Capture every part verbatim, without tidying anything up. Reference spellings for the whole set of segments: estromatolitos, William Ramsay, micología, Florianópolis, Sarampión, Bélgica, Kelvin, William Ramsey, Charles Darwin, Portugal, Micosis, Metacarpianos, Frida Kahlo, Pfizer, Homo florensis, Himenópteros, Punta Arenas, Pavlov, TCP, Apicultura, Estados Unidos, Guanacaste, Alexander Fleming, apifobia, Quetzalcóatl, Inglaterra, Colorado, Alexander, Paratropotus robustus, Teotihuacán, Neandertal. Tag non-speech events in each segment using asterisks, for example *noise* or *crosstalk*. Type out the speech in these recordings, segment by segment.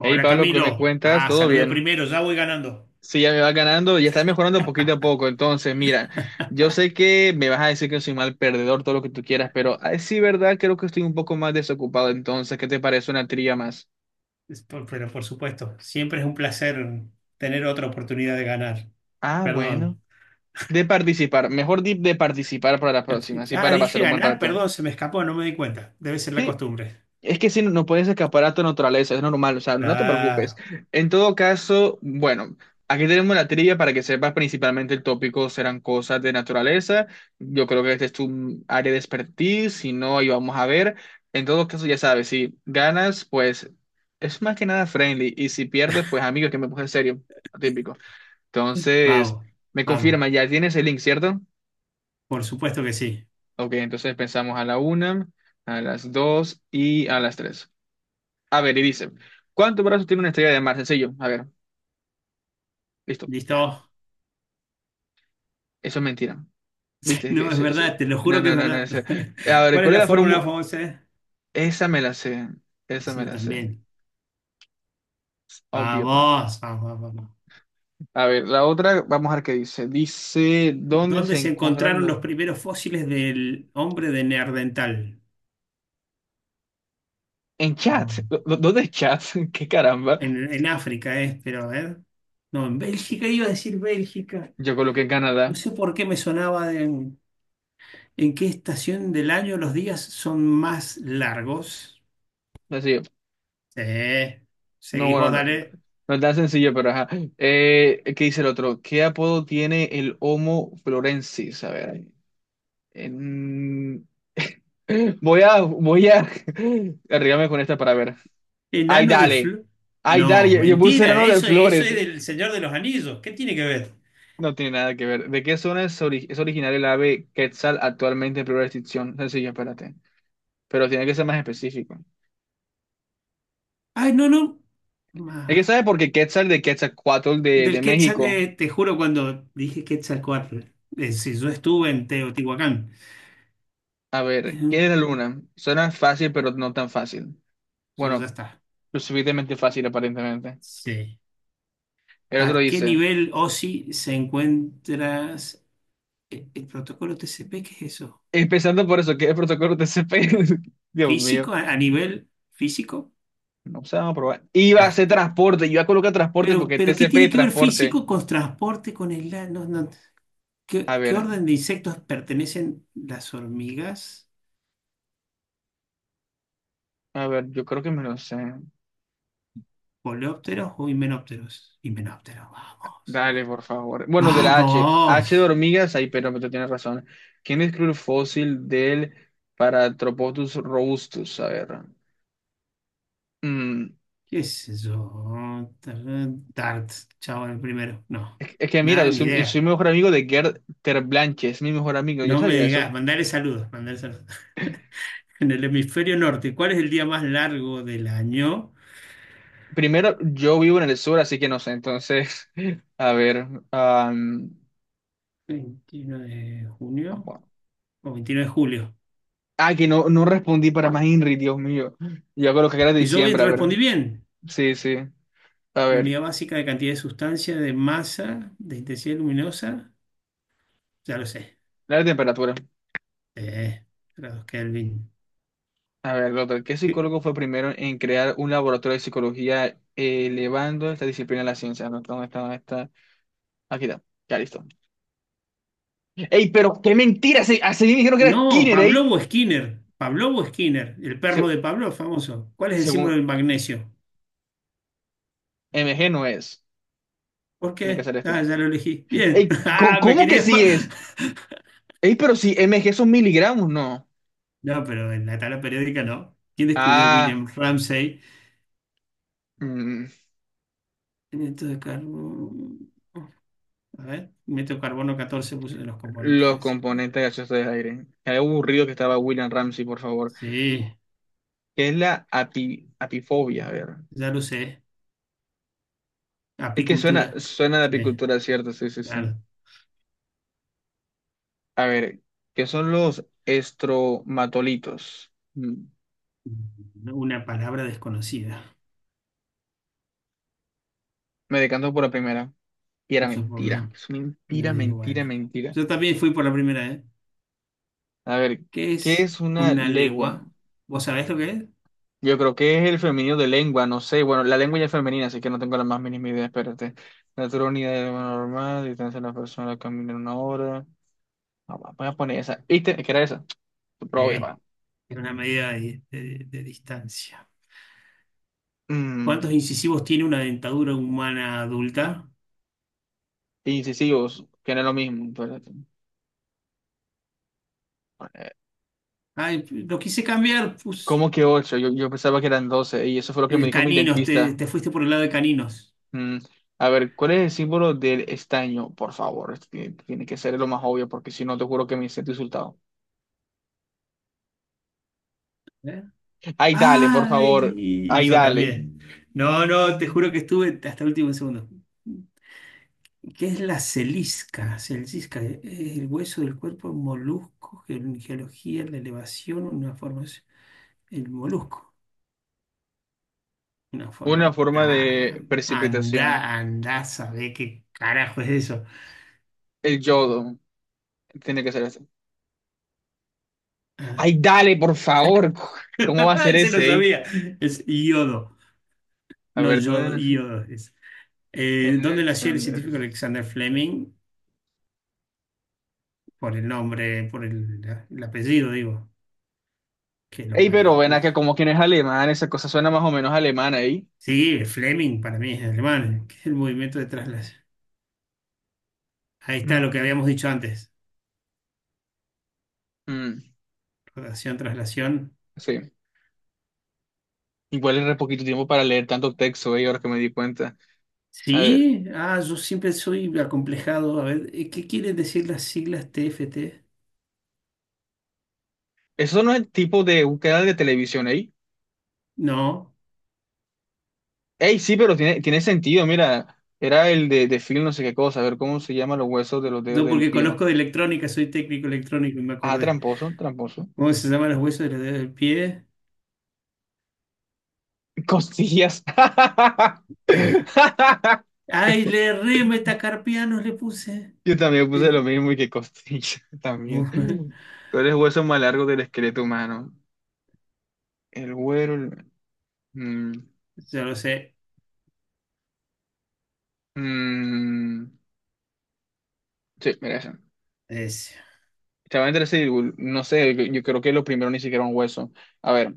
Hey Pablo, ¿qué me Camilo. cuentas? Ah, ¿Todo salude bien? primero, ya voy ganando. Sí, ya me va ganando, ya está mejorando poquito a poco. Entonces, mira, yo sé que me vas a decir que soy mal perdedor, todo lo que tú quieras, pero ay, sí, verdad, creo que estoy un poco más desocupado. Entonces, ¿qué te parece una trilla más? Es por- pero por supuesto, siempre es un placer tener otra oportunidad de ganar. Ah, bueno. Perdón. De participar, mejor di de participar para la próxima, así Ah, para dije pasar un buen ganar, rato. perdón, se me escapó, no me di cuenta. Debe ser la Sí, costumbre. es que si no, no puedes escapar a tu naturaleza, es normal, o sea, no te preocupes. Claro. En todo caso, bueno, aquí tenemos la trivia para que sepas principalmente el tópico serán cosas de naturaleza. Yo creo que este es tu área de expertise, si no, ahí vamos a ver. En todo caso, ya sabes, si ganas, pues es más que nada friendly, y si pierdes, pues amigo, que me puse serio, típico. Entonces, Vamos, me vamos. confirma, ya tienes el link, ¿cierto? Por supuesto que sí. Ok, entonces pensamos a la una, a las dos y a las tres. A ver, y dice, ¿cuántos brazos tiene una estrella de mar? Sencillo. A ver, listo. Ya. ¿Listo? Eso es mentira. *laughs* ¿Viste? Es que No, es ese- ese- verdad, te lo No, juro que es no, no, no. verdad. ese- A *laughs* ver, ¿Cuál es ¿cuál es la la fórmula fórmula? famosa? Esa me la sé. Esa me Eso la sé. también. Obvio, pan. Vamos, vamos, vamos. A ver, la otra, vamos a ver qué dice. Dice, ¿dónde ¿Dónde se se encuentran encontraron los... los primeros fósiles del hombre de Neandertal? En chat. ¿Dó- dó- ¿Dónde es chat? *laughs* ¿Qué caramba? En, en África es, pero a ver. No, en Bélgica, iba a decir Bélgica. Yo coloqué en No Canadá. sé por qué me sonaba de en, en qué estación del año los días son más largos. Sencillo. Sí. No, Seguís bueno, vos, no. dale. No es tan sencillo, pero ajá. Eh, ¿qué dice el otro? ¿Qué apodo tiene el Homo florensis? A ver. Voy a, voy a *laughs* arriesgarme con esta para ver. Ay, Enano de dale. Flo. Ay, dale. No, Yo, yo puse mentira, serano de eso, eso flores. es del Señor de los Anillos. ¿Qué tiene que ver? No tiene nada que ver. ¿De qué zona es, ori- es originaria el ave Quetzal actualmente en peligro de extinción? Sencillo, espérate. Pero tiene que ser más específico. Ay, no, no. Es Ma- que sabe porque Quetzal de Quetzalcóatl de, de Del Quetzal, México. eh, te juro cuando dije Quetzalcóatl, eh, si yo estuve en Teotihuacán. A ver, Eh, ¿quién es la luna? Suena fácil, pero no tan fácil. Yo ya Bueno, está. lo suficientemente fácil, aparentemente. Sí. El otro ¿A qué dice, nivel O S I se encuentra el, el protocolo T C P? ¿Qué es eso? empezando por eso, ¿qué es el protocolo T C P? *laughs* Dios mío. ¿Físico? ¿A, a nivel físico? No sé, vamos a probar. Iba a hacer Transpo- transporte, iba a colocar transporte Pero, porque pero ¿qué T C P tiene que ver transporte. físico con transporte, con el... la- no, no? A ¿Qué, qué ver, orden de insectos pertenecen las hormigas? a ver, yo creo que me lo sé. ¿Coleópteros o himenópteros? Himenópteros, vamos. Dale, por favor. Bueno, de la H. ¡Vamos! H de hormigas, ahí, pero tú tienes razón. ¿Quién describió el fósil del Paratropotus robustus? A ver. mm, ¿Qué es eso? Dart, chavo, el primero. No, es, es que mira, nada, yo ni soy, yo soy idea. mejor amigo de Gerd Terblanche, es mi mejor amigo, yo No me sabía digas, eso. mandale saludos, mandale saludos. En el hemisferio norte, ¿cuál es el día más largo del año? Primero, yo vivo en el sur, así que no sé, entonces, *laughs* a ver. am, veintiuno de junio de junio o veintinueve de julio. Ah, que no, no respondí para más Henry, Dios mío. Yo creo que era de Y yo bien, diciembre, a ver. respondí bien. Sí, sí. A La ver, unidad básica de cantidad de sustancia, de masa, de intensidad luminosa, ya lo sé. la temperatura. Eh, grados Kelvin. A ver, doctor, ¿qué ¿Qué? psicólogo fue primero en crear un laboratorio de psicología elevando esta disciplina a la ciencia? ¿No está? ¿Dónde está? ¿Dónde está? Aquí está. Ya listo. ¡Ey, pero qué mentira! Se, así me dijeron que era No, Skinner, ¿eh? Pavlov o Skinner. Pavlov o Skinner, el perro Se- de Pavlov, famoso. ¿Cuál es el símbolo Según del magnesio? M G no es. ¿Por Tiene que qué? ser este. Ah, ya lo elegí. Bien. ¡Ey, *laughs* co- Ah, me cómo que querías sí más. es? ¡Ey, pero si M G son miligramos, no! No, pero en la tabla periódica no. ¿Quién descubrió Ah. William Ramsay? mm. Hidrato de carbono. A ver, meto carbono catorce, puse de los componentes, Los ese. componentes gaseosos del aire. Qué aburrido que estaba William Ramsey, por favor. Sí, ¿Qué es la api- apifobia? A ver. ya lo sé. Es que suena, Apicultura. suena de Sí, apicultura, ¿cierto? Sí, sí, sí. claro. A ver, ¿qué son los estromatolitos? Mm, Una palabra desconocida. Me decanto por la primera. Y era Eso por mentira. no. Es mentira, Eh, mentira, bueno. mentira. Yo también fui por la primera, ¿eh? A ver, ¿Qué ¿qué es es una una legua? legua? ¿Vos sabés lo que es? Yo creo que es el femenino de lengua, no sé. Bueno, la lengua ya es femenina, así que no tengo la más mínima idea. Espérate. Natural unidad de lo normal, distancia de la persona al caminar una hora. No, va, voy a poner esa. ¿Viste? Que era esa. Pero obvio, Sí. va. Es una medida de, de- de distancia. Mm, ¿Cuántos incisivos tiene una dentadura humana adulta? Incisivos, que no es lo mismo. pero- Ay, lo quise cambiar, pues. ¿Cómo que ocho? Yo, yo pensaba que eran doce y eso fue lo que me El dijo mi caninos, te, dentista. te fuiste por el lado de caninos. Mm, a ver, ¿cuál es el símbolo del estaño? Por favor, esto tiene, tiene que ser lo más obvio porque si no te juro que me siento insultado. ¿Eh? Ay, dale, por Ay, favor. y Ay, yo dale. también. No, no, te juro que estuve hasta el último segundo. ¿Qué es la celisca? Celisca, eh, es el hueso del cuerpo, un molusco, ge- geología, la elevación, una forma, es el molusco, una forma Una de... forma Ah, de precipitación. anda, anda, sabe qué carajo es eso. El yodo. Tiene que ser ese. Ah, Ay, dale, por favor. *laughs* ¿Cómo va a ser *laughs* se lo ese? ¿Eh? sabía, es yodo, A no ver, ¿dónde yodo, nació yodo. Eh, ¿dónde nació el Alexander? científico Alexander Fleming? Por el nombre, por el, el apellido, digo, que lo Ey, pero parió. ven Uf. acá, como quien es alemán, esa cosa suena más o menos alemana ahí. Sí, Fleming para mí es alemán, que es el movimiento de traslación. Ahí está lo que Mm, habíamos dicho antes, mm, rotación, traslación. sí. Igual era poquito tiempo para leer tanto texto, ey, ahora que me di cuenta. A ver, Sí, ah, yo siempre soy acomplejado. A ver, eh, ¿qué quieren decir las siglas T F T? eso no es el tipo de búsqueda de televisión, ey. No, Ey, sí, pero tiene, tiene sentido, mira. Era el de, de film, no sé qué cosa. A ver, ¿cómo se llama los huesos de los dedos yo del porque pie? conozco de electrónica, soy técnico electrónico y me Ah, acordé. tramposo, tramposo. ¿Cómo se llaman los huesos de los dedos del pie? Costillas. *laughs* Ah, ¿Qué ay, fue? le re metacarpianos le puse. Yo también puse lo El, mismo y que costillas *laughs* también. *laughs* ¿Cuál es el hueso más largo del esqueleto humano? El güero. el- mm, yo lo sé. mm, sí, mira esa. Es Estaba entre sí, no sé, yo creo que lo primero ni siquiera un hueso. A ver,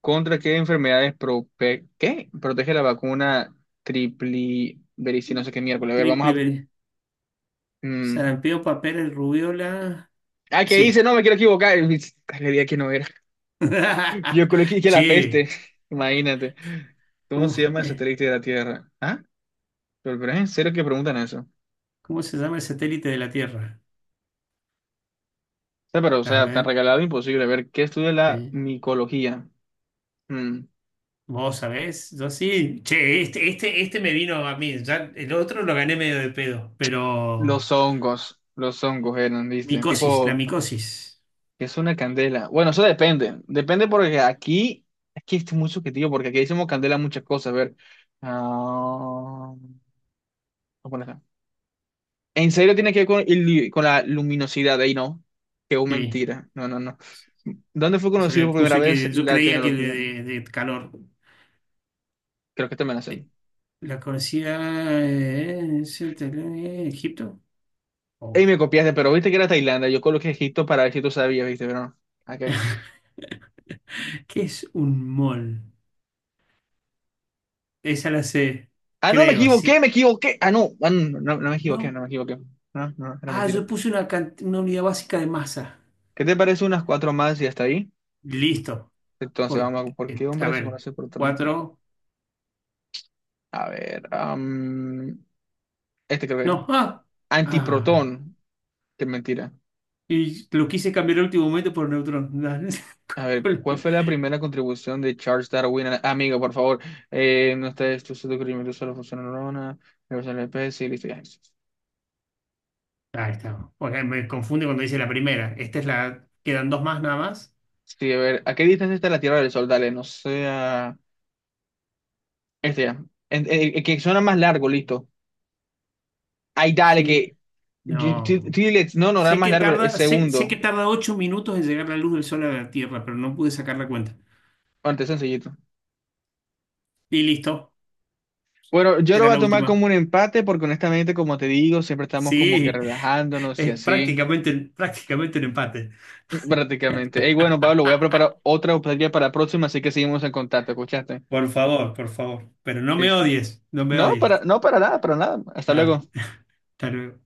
¿contra qué enfermedades prope- qué? Protege la vacuna triplibericina? No sé qué miércoles. A ver, triple vamos a... ver- mm, sarampión, papeles, rubiola. Ah, ¿qué hice? Sí. No, me quiero equivocar. *laughs* Le di a que no era. *laughs* Yo creo que dije la Che, peste. *laughs* Imagínate. ¿Cómo se ¿cómo, llama el eh, satélite de la Tierra? ¿Ah? Pero, pero es en serio que preguntan eso. O cómo se llama el satélite de la Tierra? sea, pero, o A sea, tan ver, regalado imposible. A ver, ¿qué estudia la sí. micología? Mm. ¿Vos sabés? Yo sí. Che, este, este, este me vino a mí. Ya el otro lo gané medio de pedo, pero Los hongos, los hongos eran, ¿viste? micosis, la Tipo, micosis. que es una candela. Bueno, eso depende. Depende porque aquí, aquí es muy subjetivo, porque aquí decimos candela muchas cosas. A ver. ah, ¿Cómo a poner acá? En serio tiene que ver con, el- con la luminosidad, ahí no. Qué Sí. mentira. No, no, no. ¿Dónde fue Se conocido le por primera puse vez que yo la creía que de, tecnología? de- de calor. Creo que te me la sé. Eh, La conocida, eh, es- eh, Egipto. Oh. Ey, me copiaste, pero viste que era Tailandia. Yo coloqué Egipto para ver si tú sabías, ¿viste? Pero no. Ok. ¿Qué es un mol? Esa la sé, Ah, no, me creo, equivoqué, sí. me equivoqué. Ah, no, ah, no, no, no me equivoqué, no No. me equivoqué. No, no, era Ah, yo mentira. puse una, can- una unidad básica de masa. ¿Qué te parece unas cuatro más y hasta ahí? Listo. Entonces, Por, vamos a... ¿Por eh, qué a hombre se ver, conoce protón? cuatro. A ver, am, este creo que es. No. Ah. Ah. Antiprotón. Qué mentira. Y lo quise cambiar al último momento por neutrón. *laughs* Dale. A ver, ¿cuál fue la primera contribución de Charles Darwin? a- Amigo, por favor. Eh, no está esto, su descubrimiento solo funciona neurona, reversa la especie, listo, ya. Ahí está. Porque me confunde cuando dice la primera. Esta es la. Quedan dos más nada más. Sí, a ver, ¿a qué distancia está la Tierra del Sol? Dale, no sea... Este ya. En- en- en que suena más largo, listo. Ay, dale, Sí. que G- T- No. T-Lex, no, no, nada Sé más que largo, es tarda, sé, sé que segundo. tarda ocho minutos en llegar la luz del sol a la Tierra, pero no pude sacar la cuenta. Antes sencillito. Y listo. Bueno, yo lo Era voy a la tomar última. como un empate porque honestamente, como te digo, siempre estamos como que Sí, relajándonos y es así, prácticamente, prácticamente un empate. *laughs* prácticamente. Ey, bueno, Pablo, voy a *laughs* preparar otra optativa para la próxima, así que seguimos en contacto, ¿escuchaste? Por favor, por favor. Pero no me Listo. odies, no me No, para, odies. no, para nada, para nada. Hasta Dale, luego. hasta luego.